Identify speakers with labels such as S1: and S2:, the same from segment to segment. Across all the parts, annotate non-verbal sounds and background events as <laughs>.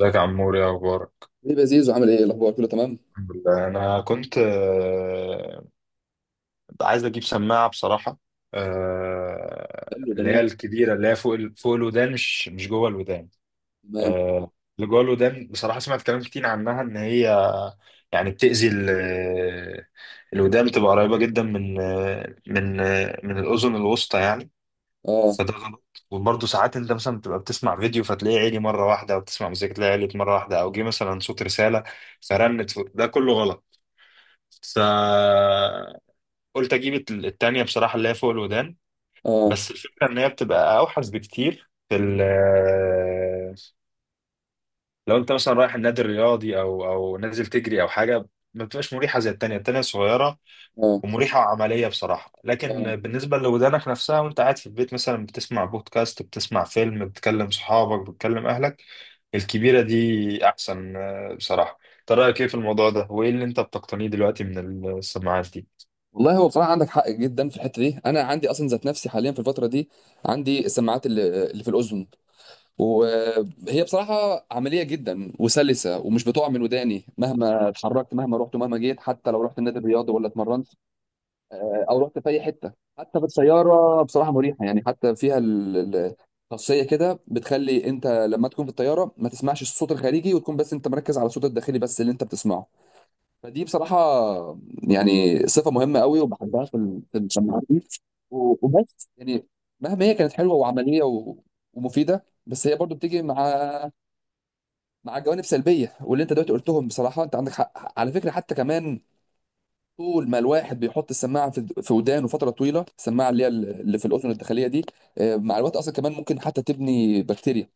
S1: ازيك يا عمور؟ يا اخبارك؟
S2: ليه يا زيزو؟ عامل ايه؟ إيه الاخبار؟ كله تمام؟
S1: الحمد لله. انا كنت عايز اجيب سماعه بصراحه.
S2: حلو.
S1: اللي
S2: جميل.
S1: هي الكبيره اللي هي فوق الودان، مش جوه الودان.
S2: تمام.
S1: آه، اللي جوه الودان بصراحه سمعت كلام كتير عنها ان هي يعني بتاذي الودان، بتبقى قريبه جدا من من الاذن الوسطى يعني.
S2: اه،
S1: فده غلط. وبرضه ساعات انت مثلا بتبقى بتسمع فيديو فتلاقيه عالي مره واحده، او بتسمع مزيكا تلاقيه عالي مره واحده، او جه مثلا صوت رساله فرنت فوق. ده كله غلط. فقلت اجيب التانيه بصراحه، اللي هي فوق الودان.
S2: اه،
S1: بس الفكره ان هي بتبقى اوحش بكتير في ال، لو انت مثلا رايح النادي الرياضي او نازل تجري او حاجه، ما بتبقاش مريحه زي التانيه. التانيه صغيره
S2: اه،
S1: ومريحة وعملية بصراحة.
S2: اه.
S1: لكن بالنسبة لودانك نفسها، وانت قاعد في البيت مثلا بتسمع بودكاست، بتسمع فيلم، بتكلم صحابك، بتكلم اهلك، الكبيرة دي احسن. بصراحة، انت رأيك ايه في الموضوع ده؟ وايه اللي انت بتقتنيه دلوقتي من السماعات دي؟
S2: والله، هو بصراحه عندك حق جدا في الحته دي. انا عندي اصلا ذات نفسي حاليا في الفتره دي عندي السماعات اللي في الاذن، وهي بصراحه عمليه جدا وسلسه، ومش بتقع من وداني مهما اتحركت، مهما رحت ومهما جيت، حتى لو رحت النادي الرياضي ولا اتمرنت، او رحت في اي حته. حتى في الطياره بصراحه مريحه، يعني حتى فيها خاصيه كده بتخلي انت لما تكون في الطياره ما تسمعش الصوت الخارجي، وتكون بس انت مركز على الصوت الداخلي بس اللي انت بتسمعه. فدي بصراحه يعني صفه مهمه قوي، وبحبها في في السماعات دي. وبس يعني، مهما هي كانت حلوه وعمليه ومفيده، بس هي برضو بتيجي مع جوانب سلبيه، واللي انت دلوقتي قلتهم بصراحه، انت عندك حق على فكره. حتى كمان طول ما الواحد بيحط السماعه في ودانه فتره طويله، السماعه اللي هي اللي في الاذن الداخليه دي، مع الوقت اصلا كمان ممكن حتى تبني بكتيريا،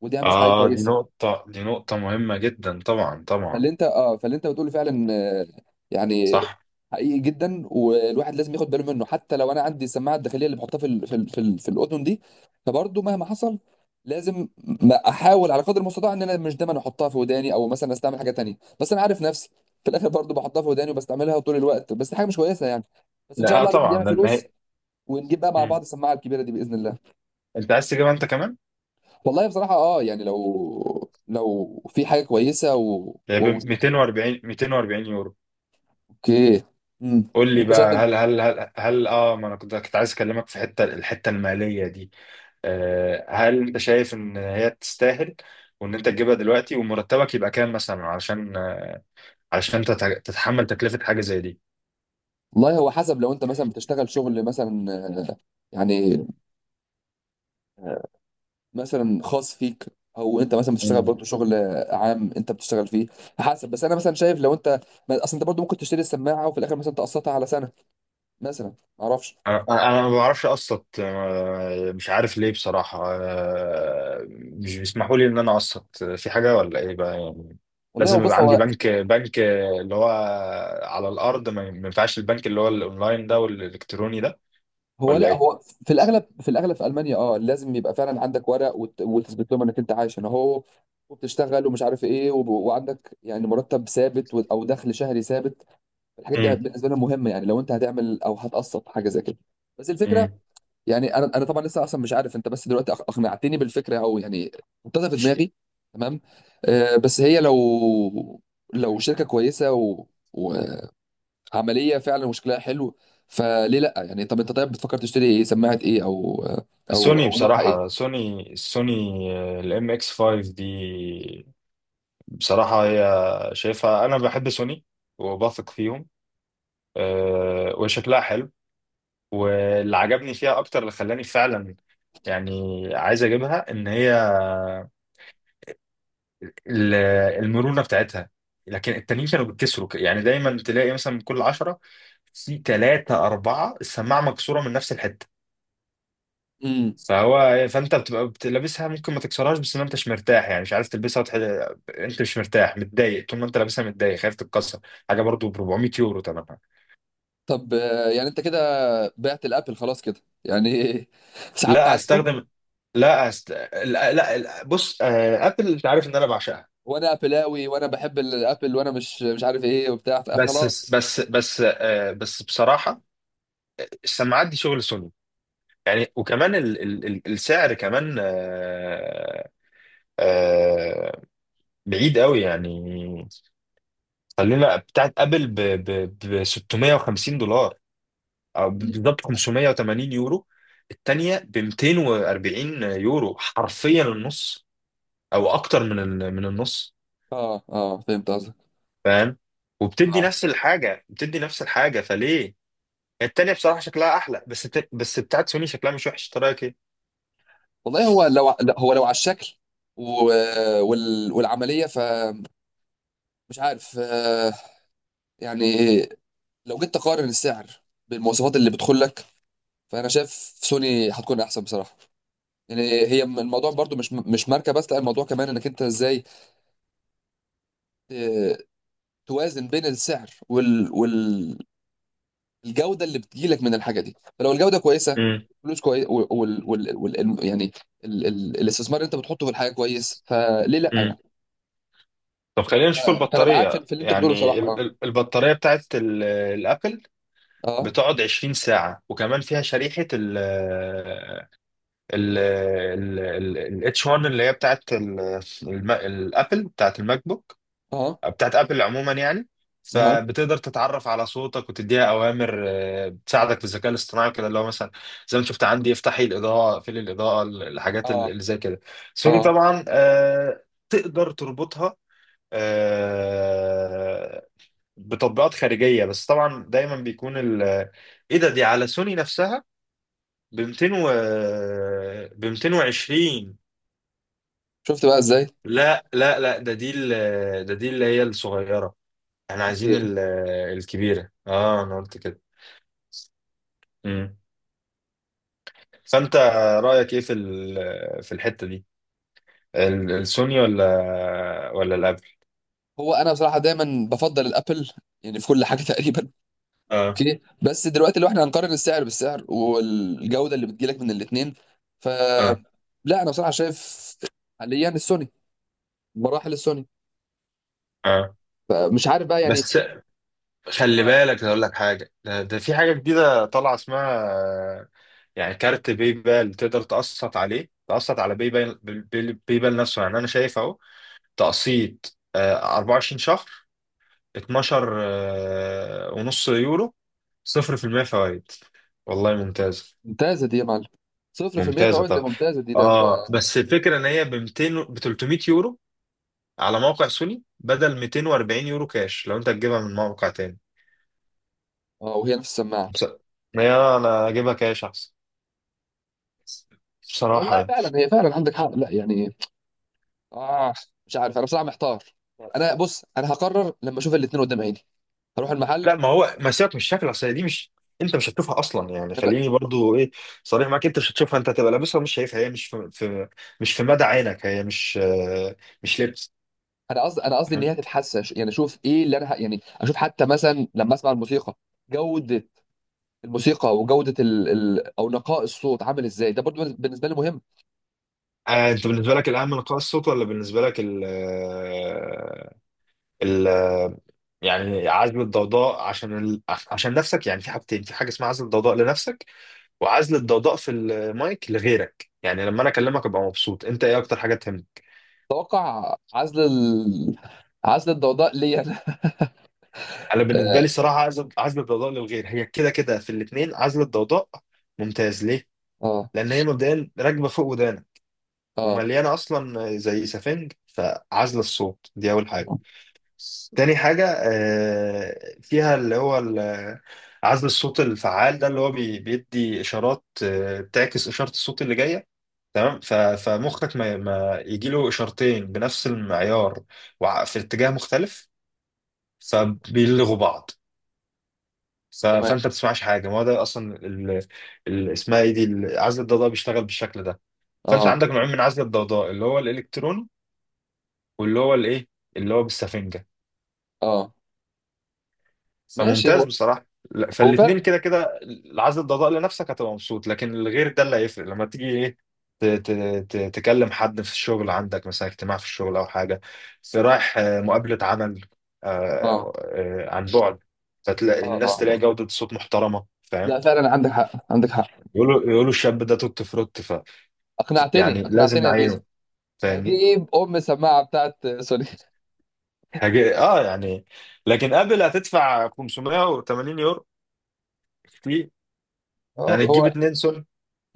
S2: ودي مش حاجه
S1: اه، دي
S2: كويسه.
S1: نقطة، دي نقطة مهمة جدا. طبعا، طبعا.
S2: فاللي انت بتقوله فعلا، يعني
S1: صح.
S2: حقيقي جدا، والواحد لازم ياخد باله منه. حتى لو انا عندي السماعه الداخليه اللي بحطها في الاذن دي، فبرضه مهما حصل لازم ما احاول على قدر المستطاع ان انا مش دايما احطها في وداني، او مثلا استعمل حاجه تانية. بس انا عارف نفسي، في الاخر برضه بحطها في وداني وبستعملها طول الوقت، بس دي حاجه مش كويسه يعني. بس ان شاء
S1: لا، آه،
S2: الله الواحد
S1: طبعا،
S2: يعمل
S1: لان
S2: فلوس،
S1: هي،
S2: ونجيب بقى مع
S1: مم.
S2: بعض السماعه الكبيره دي باذن الله.
S1: انت عايز تجيبها انت كمان؟
S2: والله بصراحه يعني لو في حاجه كويسه
S1: هي ب 240 240 يورو.
S2: اوكي. امم
S1: قول لي
S2: وانت شايف
S1: بقى، هل اه، ما انا كنت عايز اكلمك في الحته الماليه دي. هل انت شايف ان هي تستاهل؟ وان انت تجيبها دلوقتي؟ ومرتبك يبقى كام مثلا علشان علشان تتحمل تكلفة حاجة زي دي؟
S2: والله هو حسب، لو انت مثلا بتشتغل شغل مثلا، آه، يعني، آه، مثلا خاص فيك، او انت مثلا بتشتغل
S1: مم.
S2: برضه شغل عام انت بتشتغل فيه. حسب، بس انا مثلا شايف لو انت اصل انت برضه ممكن تشتري السماعه وفي الاخر مثلا تقسطها على سنه، مثلا ما اعرفش.
S1: انا ما بعرفش اقسط، مش عارف ليه بصراحة. مش بيسمحوا لي ان انا اقسط في حاجة، ولا ايه بقى يعني؟
S2: والله، هو
S1: لازم يبقى
S2: بص،
S1: عندي
S2: هو
S1: بنك اللي هو على الارض؟ ما ينفعش البنك اللي هو الاونلاين ده والالكتروني ده؟ ولا
S2: لا،
S1: ايه؟
S2: هو في الاغلب في المانيا، اه لازم يبقى فعلا عندك ورق، وتثبت لهم انك انت عايش هنا اهو وبتشتغل، ومش عارف ايه، وعندك يعني مرتب ثابت او دخل شهري ثابت. الحاجات دي بالنسبه لنا مهمه، يعني لو انت هتعمل او هتقسط حاجه زي كده. بس الفكره،
S1: امم.
S2: يعني انا طبعا لسه اصلا مش عارف، انت بس دلوقتي اقنعتني بالفكره، او يعني حطيتها في دماغي. تمام. آه، بس هي لو شركه كويسه وعمليه فعلا وشكلها حلو، فليه لا يعني. طب انت، طيب بتفكر تشتري ايه؟ سماعه ايه؟ او
S1: سوني
S2: نوعها ايه؟
S1: بصراحة، سوني الام اكس 5 دي. بصراحة هي، شايفها، أنا بحب سوني وبثق فيهم. وشكلها حلو. واللي عجبني فيها أكتر، اللي خلاني فعلا يعني عايز أجيبها، إن هي ال، المرونة بتاعتها. لكن التانيين كانوا بيتكسروا يعني، دايما تلاقي مثلا من كل عشرة في ثلاثة أربعة السماعة مكسورة من نفس الحتة.
S2: امم.
S1: فانت لابسها، ممكن ما تكسرهاش، بس ما انتش مرتاح يعني، مش عارف تلبسها انت مش مرتاح، متضايق طول ما انت لابسها، متضايق خايف تتكسر. حاجه برضو ب 400 يورو تمنها.
S2: طب، يعني انت كده بعت الابل خلاص كده يعني. <laughs> سحبت
S1: لا،
S2: عليهم.
S1: هستخدم، لا، لا، لا، بص، ابل انت عارف ان انا بعشقها.
S2: وانا ابلاوي وانا بحب الابل وانا مش عارف ايه وبتاع،
S1: بس،
S2: فخلاص.
S1: بس بصراحه السماعات دي شغل سوني يعني. وكمان السعر كمان، آه، بعيد قوي يعني. خلينا، بتاعت ابل ب 650 دولار، أو
S2: مم.
S1: بالظبط 580 يورو. التانية ب 240 يورو، حرفيا النص، او اكتر من النص.
S2: اه، اه، فهمت قصدك.
S1: فاهم؟ وبتدي
S2: اه.
S1: نفس الحاجة، بتدي نفس الحاجة فليه يعني؟ التانية بصراحة شكلها احلى، بس بتاعت سوني شكلها مش وحش، إنت رايك ايه؟
S2: والله، هو لو، لا، هو لو على الشكل و... والعمليه، فمش عارف، آه يعني، لو جيت تقارن السعر بالمواصفات اللي بتدخل لك، فانا شايف سوني هتكون احسن بصراحه يعني. هي الموضوع برضو مش ماركه بس، لا الموضوع كمان انك انت ازاي آه، توازن بين السعر الجوده اللي بتجيلك من الحاجه دي. فلو الجوده كويسه،
S1: امم.
S2: فلوس كويس يعني الاستثمار اللي انت بتحطه في الحاجه كويس، فليه لا
S1: امم.
S2: يعني.
S1: طب، خلينا نشوف
S2: فانا معاك في...
S1: البطارية
S2: في اللي انت بتقوله
S1: يعني،
S2: بصراحه. اه،
S1: البطارية بتاعت الابل
S2: اه،
S1: بتقعد 20 ساعة. وكمان فيها شريحة الاتش 1، اللي هي بتاعت الابل، بتاعت الماك بوك،
S2: اه،
S1: بتاعت ابل عموما يعني.
S2: اه،
S1: فبتقدر تتعرف على صوتك وتديها اوامر، بتساعدك في الذكاء الاصطناعي كده، اللي هو مثلا زي ما شفت عندي افتحي الاضاءه، اقفلي الاضاءه، الحاجات
S2: اه،
S1: اللي زي كده.
S2: اه،
S1: سوني طبعا، تقدر تربطها آه، بتطبيقات خارجيه. بس طبعا دايما بيكون ال، ايه ده، دي على سوني نفسها ب 200 و ب 220.
S2: شفت بقى ازاي؟
S1: لا، لا، لا، ده دي اللي هي الصغيرة، احنا عايزين
S2: اوكي.
S1: ال، الكبيرة. اه، انا قلت كده. امم. فانت رأيك ايه في الحتة دي؟ ال، السوني ولا، ولا الابل؟
S2: هو انا بصراحه دايما بفضل الابل يعني في كل حاجه <laughs> تقريبا.
S1: اه.
S2: اوكي، بس دلوقتي لو احنا هنقارن السعر بالسعر والجوده اللي بتجيلك من الاثنين، ف
S1: اه.
S2: لا انا بصراحه شايف حاليا السوني، مراحل السوني،
S1: اه
S2: فمش عارف بقى يعني.
S1: بس، خلي بالك اقول لك حاجة، ده في حاجة جديدة طالعة اسمها، يعني كارت باي بال، تقدر تقسط عليه، تقسط على باي بال، باي بال نفسه يعني. انا شايف اهو، تقسيط 24 شهر، 12 ونص يورو، صفر في المية فوائد. والله ممتازة.
S2: ممتازة دي يا معلم، 0%
S1: ممتازة،
S2: فوائد، ده
S1: طب.
S2: ممتازة دي، ده انت.
S1: اه بس الفكرة ان هي ب 200، ب 300 يورو على موقع سوني، بدل 240 يورو كاش لو انت هتجيبها من موقع تاني.
S2: اه، وهي نفس السماعة.
S1: بس، يا انا اجيبها كاش احسن بصراحة
S2: والله
S1: يعني.
S2: فعلا، هي فعلا عندك حق، لا يعني، اه مش عارف، انا بصراحة محتار. انا بص، هقرر لما اشوف الاتنين قدام عيني. هروح المحل.
S1: لا، ما هو ما سيبك من الشكل، اصل دي مش، انت مش هتشوفها اصلا يعني.
S2: انا ب...
S1: خليني برضو ايه، صريح معاك، انت مش هتشوفها. انت هتبقى لابسها ومش شايفها. هي مش في، في مش في مدى عينك. هي مش، مش لبس.
S2: انا قصدي، ان هي تتحسن، يعني اشوف ايه اللي يعني اشوف حتى مثلا لما اسمع الموسيقى. جودة الموسيقى وجودة او نقاء الصوت عامل ازاي، ده برضو بالنسبة لي مهم.
S1: انت بالنسبه لك الاهم نقاء الصوت، ولا بالنسبه لك ال ال آه، يعني عزل الضوضاء، عشان ال، عشان نفسك يعني؟ في حاجتين، في حاجه اسمها عزل الضوضاء لنفسك، وعزل الضوضاء في المايك لغيرك، يعني لما انا اكلمك ابقى مبسوط. انت ايه اكتر حاجه تهمك؟
S2: اتوقع عزل عزل الضوضاء ليا.
S1: انا بالنسبه لي
S2: <laughs>
S1: الصراحه، عزل، عزل الضوضاء للغير، هي كده كده في الاثنين عزل الضوضاء ممتاز. ليه؟
S2: اه،
S1: لان هي مبدئيا راكبه فوق ودانك،
S2: اه،
S1: ومليانه اصلا زي سفنج، فعزل الصوت دي اول حاجه. تاني حاجة فيها، اللي هو ال، عزل الصوت الفعال ده، اللي هو بيدي إشارات بتعكس إشارة الصوت اللي جاية، تمام؟ فمخك ما يجيله إشارتين بنفس المعيار، في اتجاه مختلف، فبيلغوا بعض. فأنت
S2: تمام.
S1: ما بتسمعش حاجة. ما هو ده أصلا ال، ال، اسمها إيه دي، ال، عزل الضوضاء بيشتغل بالشكل ده. فأنت
S2: اه،
S1: عندك نوعين من عزل الضوضاء، اللي هو الإلكتروني، واللي هو الإيه، اللي هو بالسفنجة.
S2: اه، ماشي.
S1: فممتاز
S2: هو
S1: بصراحة. لا،
S2: هو
S1: فالاتنين
S2: فعلا.
S1: كده كده العزل الضوضاء لنفسك هتبقى مبسوط، لكن الغير، ده اللي هيفرق لما تيجي ايه، تكلم حد في الشغل، عندك مثلا اجتماع في الشغل او حاجة، في رايح مقابلة عمل،
S2: اه،
S1: عن بعد، فتلاقي
S2: اه،
S1: الناس،
S2: اه،
S1: تلاقي جودة صوت محترمة، فاهم؟
S2: لا فعلا عندك حق، عندك حق.
S1: يقولوا، يقولوا الشاب ده توت فروت، ف
S2: اقنعتني
S1: يعني لازم
S2: اقنعتني يا زيزو.
S1: نعينه. فاهمني؟
S2: هجيب ام السماعه بتاعت سوني.
S1: حاجة اه يعني. لكن قبل، هتدفع 580 يورو، كتير
S2: <laughs> اه.
S1: يعني. تجيب
S2: هو
S1: اتنين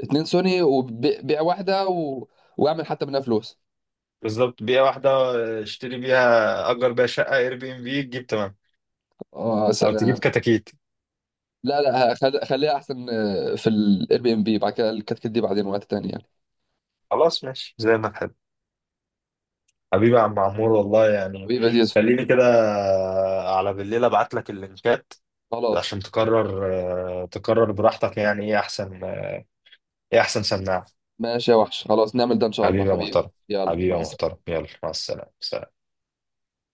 S2: اتنين سوني، وبيع واحده واعمل حتى منها فلوس.
S1: بالظبط، بيئة واحدة، اشتري بيها، أجر بيها شقة اير بي ام بي، تجيب، تمام.
S2: اه
S1: أو تجيب
S2: سلام.
S1: كتاكيت.
S2: لا، لا، خليها احسن، في الاير بي ام بي، بعد كده الكتكت دي بعدين وقت تاني يعني.
S1: خلاص ماشي، زي ما تحب. حبيبي يا عم عمور، والله يعني،
S2: حبيبي يا زيزو.
S1: خليني كده على بالليل أبعت لك اللينكات عشان
S2: خلاص،
S1: تقرر. اه، تقرر براحتك يعني، إيه أحسن، إيه أحسن سماعة.
S2: ماشي يا وحش، خلاص نعمل ده ان شاء الله.
S1: حبيبي يا
S2: حبيبي،
S1: محترم،
S2: يلا
S1: حبيبي
S2: مع
S1: يا
S2: السلامه.
S1: محترم، يلا مع السلامة. سلام.